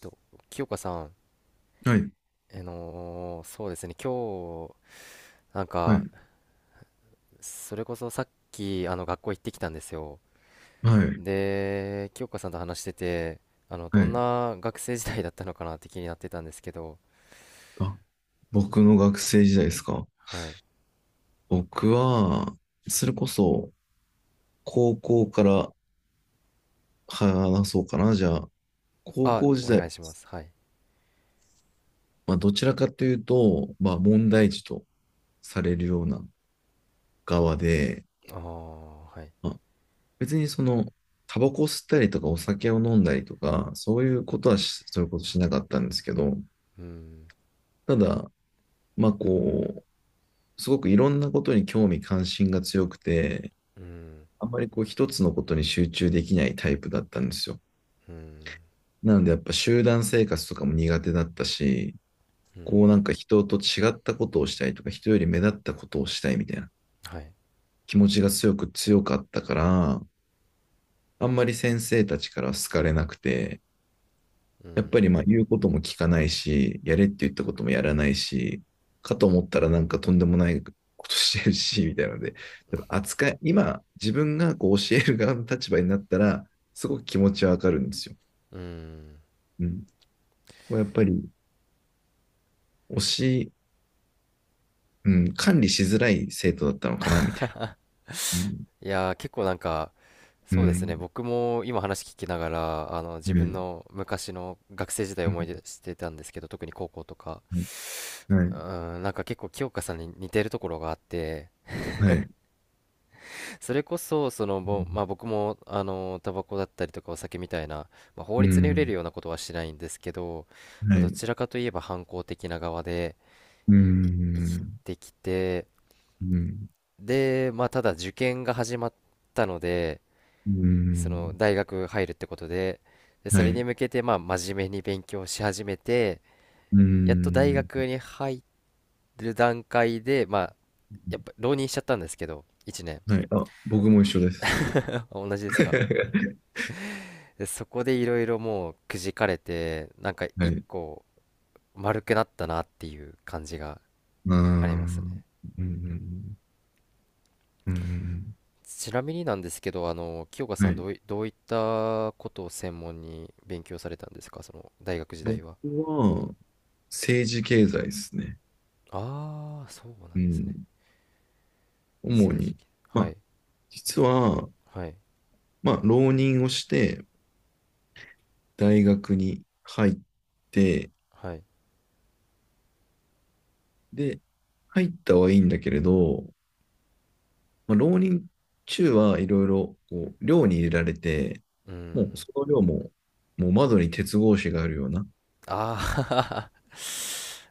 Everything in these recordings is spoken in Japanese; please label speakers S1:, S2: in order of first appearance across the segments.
S1: と、清香さん、
S2: はい、
S1: そうですね、今日、なん
S2: はい、
S1: か、それこそさっき、学校行ってきたんですよ。
S2: はい、
S1: で、清香さんと話してて、
S2: は
S1: どん
S2: い。
S1: な学生時代だったのかなって気になってたんですけど、
S2: あ、僕の学生時代ですか。
S1: はい。
S2: 僕は、それこそ、高校から話そうかな。じゃあ、高
S1: あ、
S2: 校時
S1: お
S2: 代、
S1: 願いします。はい。
S2: どちらかというと、問題児とされるような側で、
S1: ああ、はい。
S2: まあ、別にその、タバコ吸ったりとかお酒を飲んだりとか、そういうことはし、そういうことしなかったんですけど、
S1: うん、
S2: ただ、まあ、こすごくいろんなことに興味関心が強くて、
S1: うん、
S2: あんまり一つのことに集中できないタイプだったんですよ。
S1: うん、
S2: なのでやっぱ集団生活とかも苦手だったし、
S1: うん、
S2: なんか人と違ったことをしたいとか、人より目立ったことをしたいみたいな
S1: はい。
S2: 気持ちが強かったから、あんまり先生たちから好かれなくて、
S1: う
S2: やっぱり
S1: ん、
S2: まあ言うことも聞かないし、やれって言ったこともやらないし、かと思ったらなんかとんでもないことしてるし、みたいなので、やっぱ扱い、今自分がこう教える側の立場になったら、すごく気持ちはわかるんですよ。
S1: うん。
S2: うん。こうやっぱり、推し、うん、管理しづらい生徒だったのかな、みたいな。うん。
S1: いやー、結構なんか
S2: う
S1: そうですね、
S2: ん。
S1: 僕も今話聞きながら自分
S2: ね
S1: の昔の学生時代を
S2: う
S1: 思い出してたんですけど、特に高校とか。
S2: んはい。
S1: なんか結構清香さんに似てるところがあって、
S2: はい。はい
S1: それこそまあ、僕もタバコだったりとかお酒みたいな、まあ、法
S2: う
S1: 律に触れる
S2: ん。
S1: ようなことはしないんですけど、ま
S2: は
S1: あ、ど
S2: い。
S1: ちらかといえば反抗的な側で
S2: う
S1: 生き
S2: ん。
S1: てきて、
S2: うん。
S1: で、まあ、ただ受験が始まったので、
S2: う
S1: その
S2: ん。
S1: 大学入るってことで、でそ
S2: は
S1: れに
S2: い。
S1: 向けて、まあ真面目に勉強し始めて、
S2: う
S1: やっと大
S2: ん。
S1: 学に入る段階で、まあやっぱ浪人しちゃったんですけど、1年。
S2: はい。あ、僕も一緒です。
S1: あ、同じですか？ で、そこでいろいろもうくじかれて、なんか
S2: は
S1: 一
S2: い。
S1: 個丸くなったなっていう感じが
S2: ああ。
S1: あります
S2: う
S1: ね。
S2: ん。うん。
S1: ちなみになんですけど、清香さ
S2: は
S1: ん
S2: い。
S1: どういったことを専門に勉強されたんですか、その大学時代
S2: 僕
S1: は？
S2: は、政治経済ですね。
S1: ああー、そうな
S2: う
S1: んですね。
S2: ん。主
S1: 政治系、
S2: に。ま
S1: は
S2: あ、
S1: い。
S2: 実は、
S1: はい、
S2: まあ、浪人をして、大学に入って、
S1: はい。
S2: で、入ったはいいんだけれど、まあ、浪人中はいろいろこう寮に入れられて、
S1: うー
S2: もう
S1: ん。
S2: その寮も、もう窓に鉄格子があるような、
S1: あ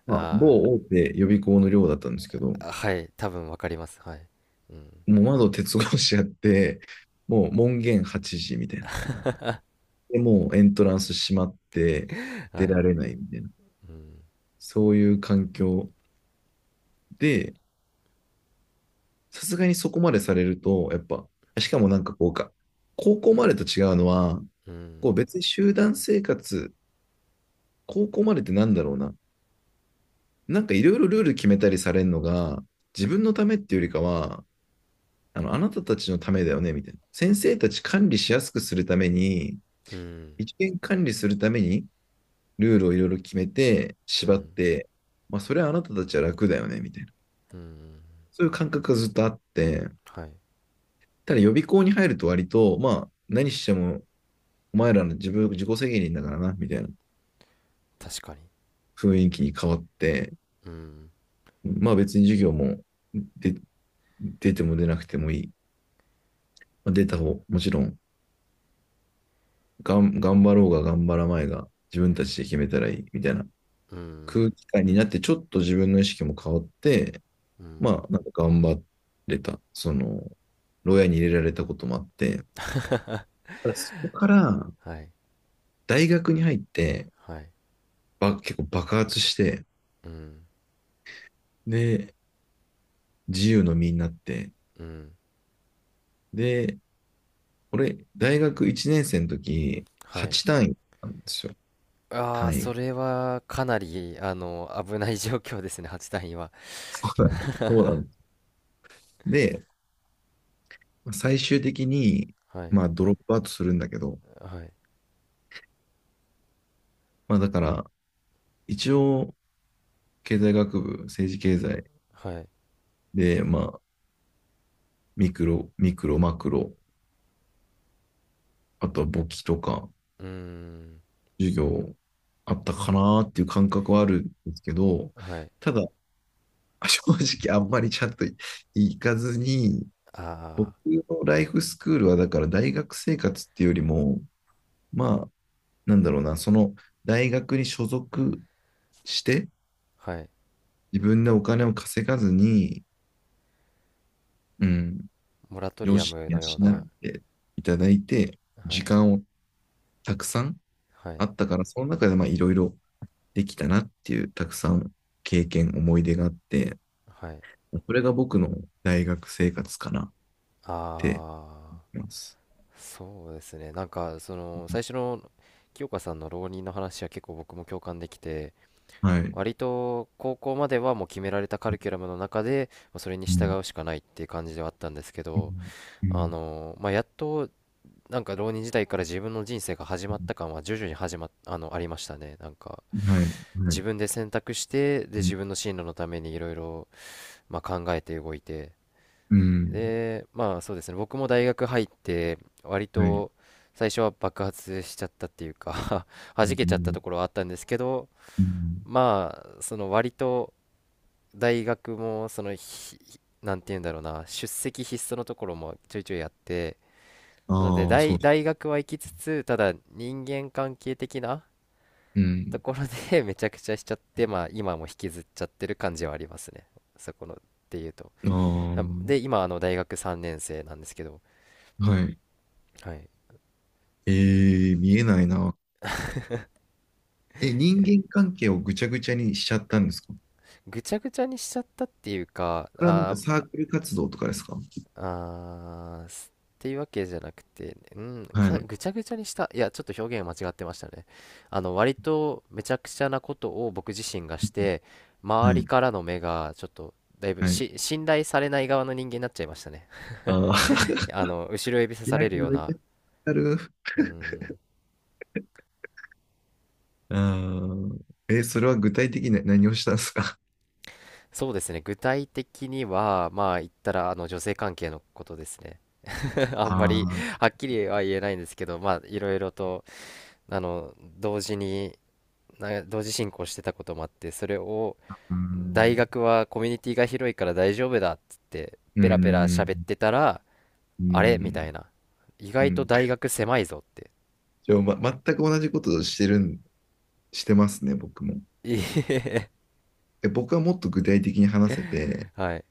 S2: まあ、
S1: あ。 あ
S2: 某大手予備校の寮だったんですけど、
S1: あ、はい、多分わかります。はい。うん。
S2: もう窓鉄格子あって、もう門限8時みたいな。で、もうエントランス閉まって
S1: は
S2: 出
S1: い。
S2: られないみたいな、
S1: うん。
S2: そういう環境で、さすがにそこまでされると、やっぱ、しかもなんかこうか、高校までと違うのは、
S1: う
S2: こ
S1: ん。
S2: う別に集団生活、高校までってなんだろうな。なんかいろいろルール決めたりされるのが、自分のためっていうよりかは、あなたたちのためだよね、みたいな。先生たち管理しやすくするために、
S1: うん。
S2: 一元管理するために、ルールをいろいろ決めて、
S1: う
S2: 縛っ
S1: ん。
S2: て、まあ、それはあなたたちは楽だよね、みたいな。そういう感覚がずっとあって、
S1: はい。
S2: ただ予備校に入ると割と、まあ、何してもお前らの自分、自己責任だからな、みたいな
S1: 確かに。
S2: 雰囲気に変わって、
S1: うん。
S2: まあ別に授業もで出ても出なくてもいい。まあ、出た方、もちろん頑張ろうが頑張らないが、自分たちで決めたらいい、みたいな
S1: うん。
S2: 空気感になって、ちょっと自分の意識も変わって、
S1: うん。
S2: まあ、なんか頑張れた。その、牢屋に入れられたこともあって、ただそこから
S1: はい。
S2: 大学に入って、
S1: はい。
S2: ば結構爆発して、
S1: うん。
S2: で、自由の身になって、
S1: うん。
S2: で、俺、大学1年生の時、
S1: はい。
S2: 8単位なんですよ。
S1: ああ、
S2: 単位が。
S1: それはかなり、危ない 状況ですね、8単には。
S2: そうなんだ。そうなんだ。で、まあ最終的に、
S1: はい。
S2: まあ、ドロップアウトするんだけど、
S1: はい。
S2: まあ、だから、一応、経済学部、政治経済
S1: はい。
S2: で、まあ、ミクロ、マクロ、あとは簿記とか、
S1: うーん。
S2: 授業あったかなーっていう感覚はあるんですけど、
S1: はい。
S2: ただ、正直あんまりちゃんと行かずに、僕
S1: あ
S2: のライフスクールはだから大学生活っていうよりも、まあ、なんだろうな、その大学に所属して、
S1: あ、はい。
S2: 自分でお金を稼がずに、うん、
S1: モラト
S2: 両
S1: リア
S2: 親
S1: ム
S2: に
S1: のよう
S2: 養
S1: な、
S2: っていただいて、
S1: は
S2: 時
S1: い。
S2: 間をたくさん
S1: はい、
S2: あったから、その中でまあいろいろできたなっていう、たくさん経験、思い出があって、
S1: はい。
S2: それが僕の大学生活かなって
S1: ああ、
S2: 思います。
S1: そうですね。なんか、最初の清香さんの浪人の話は結構僕も共感できて、
S2: はい。
S1: 割と高校まではもう決められたカリキュラムの中で、まあそれに
S2: う
S1: 従
S2: ん。
S1: うしかないっていう感じではあったんですけ
S2: う
S1: ど、
S2: ん。
S1: まあ、やっと、なんか浪人時代から自分の人生が始まった感は徐々に始まっ、あの、ありましたね。なんか、
S2: はい。は
S1: 自
S2: い。
S1: 分で選択して、で、自分の進路のためにいろいろ、まあ、考えて動いて、
S2: うん。
S1: で、まあそうですね、僕も大学入って、割
S2: はい。
S1: と最初は爆発しちゃったっていうか
S2: う
S1: 弾けちゃった
S2: ん。
S1: ところはあったんですけど、
S2: うん
S1: まあ、割と大学も、そのひ、なんて言うんだろうな、出席必須のところもちょいちょいやって、なので
S2: ああ、そ
S1: 大、
S2: う。
S1: 大学は行きつつ、ただ人間関係的な
S2: う
S1: と
S2: ん。
S1: ころで めちゃくちゃしちゃって、まあ今も引きずっちゃってる感じはありますね。そこの、っていうと。あ、
S2: あ
S1: で、今、大学3年生なんですけど、
S2: あ、はい。
S1: はい。
S2: えー、見えないな。え、人
S1: いや、
S2: 間関係をぐちゃぐちゃにしちゃったんですか？
S1: ぐちゃぐちゃにしちゃったっていうか、
S2: これはなんか
S1: ま
S2: サークル活動とかですか？
S1: あー、っていうわけじゃなくて、うん、
S2: はい。
S1: ぐちゃぐちゃにした。いや、ちょっと表現間違ってましたね。割とめちゃくちゃなことを僕自身がして、周
S2: は
S1: り
S2: い。
S1: からの目がちょっと、だいぶ
S2: はい。
S1: し、信頼されない側の人間になっちゃいましたね。
S2: ああ。
S1: 後ろ指さ
S2: い
S1: さ
S2: や、
S1: れる
S2: こ
S1: よ
S2: れ
S1: う
S2: めっち
S1: な、
S2: ゃある。
S1: うん、
S2: ああ。え、それは具体的に何をしたんですか？
S1: そうですね。具体的には、まあ、言ったら、女性関係のことですね。あんま
S2: あ
S1: り、
S2: あー、
S1: はっきりは言えないんですけど、まあ、いろいろと、あの同時に同時進行してたこともあって、それを
S2: うー
S1: 大
S2: ん。
S1: 学はコミュニティが広いから大丈夫だっつって
S2: うー
S1: ペラペラ
S2: ん。
S1: 喋ってたら、
S2: うー
S1: あれみ
S2: ん。
S1: たいな、意
S2: う
S1: 外と
S2: ん。
S1: 大学狭いぞって。
S2: じゃあ、ま、全く同じことをしてるん、してますね、僕も。
S1: いえ
S2: え、僕はもっと具体的に話せて、
S1: はい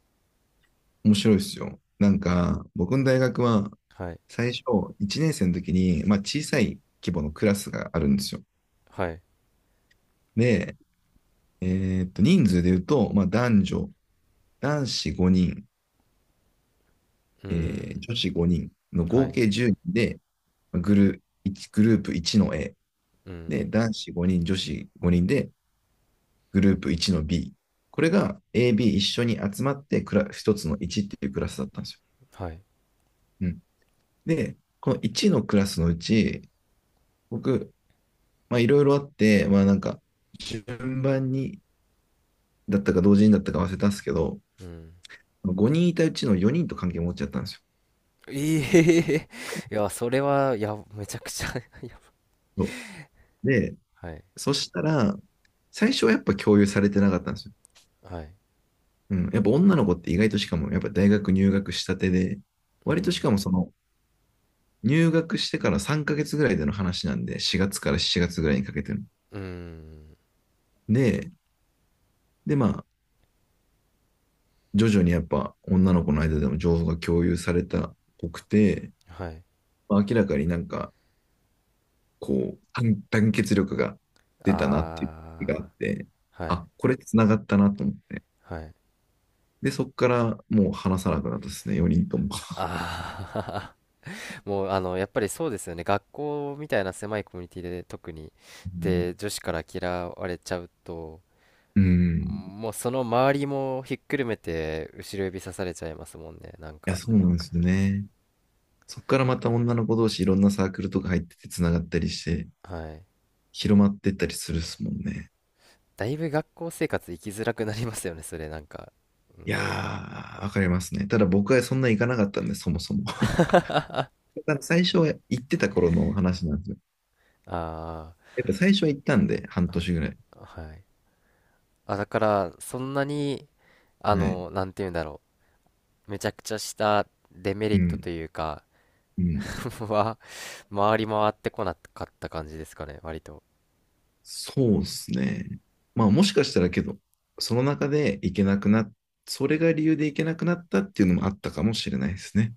S2: 面白いですよ。なんか、僕の大学は、
S1: はい
S2: 最初、1年生の時に、まあ、小さい規模のクラスがあるんですよ。
S1: はい、
S2: で、えーっと、人数で言うと、まあ、男子5人、
S1: う
S2: えー
S1: ん、
S2: 女子5人の
S1: は
S2: 合
S1: い、
S2: 計10人で、まあグル、一グループ1の A。
S1: う
S2: で、
S1: ん、
S2: 男子5人、女子5人で、グループ1の B。これが AB 一緒に集まって一つの1っていうクラスだったんですよ。
S1: はい、
S2: うん。で、この1のクラスのうち、僕、まあいろいろあって、まあなんか、順番にだったか同時にだったか忘れたんですけど、
S1: うん、
S2: 5人いたうちの4人と関係持っちゃったんです
S1: いえ いや、それはいや、めちゃくちゃ いや、
S2: よ。で、
S1: はい
S2: そしたら、最初はやっぱ共有されてなかったんですよ。
S1: はい、
S2: うん。やっぱ女の子って意外としかも、やっぱ大学入学したてで、
S1: う
S2: 割とし
S1: ん
S2: かもその、入学してから3ヶ月ぐらいでの話なんで、4月から7月ぐらいにかけての。
S1: うん、
S2: で、で、まあ、徐々にやっぱ女の子の間でも情報が共有されたっぽくて、
S1: はい、
S2: まあ、明らかになんかこう、団結力が出たなっていう気があ
S1: あ
S2: って、
S1: あー、はい
S2: あ、これ繋がったなと思って。
S1: はい、
S2: で、そこからもう話さなくなったですね、4人とも。
S1: ああ、もうやっぱりそうですよね。学校みたいな狭いコミュニティで特に、
S2: うん。
S1: で、女子から嫌われちゃうと、
S2: うん。
S1: もうその周りもひっくるめて後ろ指さされちゃいますもんね。なん
S2: いや、
S1: か、
S2: そうなんですよね。そこからまた女の子同士いろんなサークルとか入ってて繋がったりして、
S1: はい。
S2: 広まってったりするっすもんね。
S1: だいぶ学校生活生きづらくなりますよね、それなんか。うん。
S2: いやー、わかりますね。ただ僕はそんな行かなかったんで、そもそも。だから最初は行ってた頃の話なんですよ。
S1: あ
S2: やっぱ最初は行ったんで、半年ぐらい。
S1: あ、はい。あ、だから、そんなに、
S2: はい。
S1: なんて言うんだろう。めちゃくちゃしたデメ
S2: う
S1: リット
S2: ん。
S1: というか、
S2: うん。
S1: は、回り回ってこなかった感じですかね、割と。
S2: そうですね。まあもしかしたらけど、その中で行けなくなっ、それが理由で行けなくなったっていうのもあったかもしれないですね。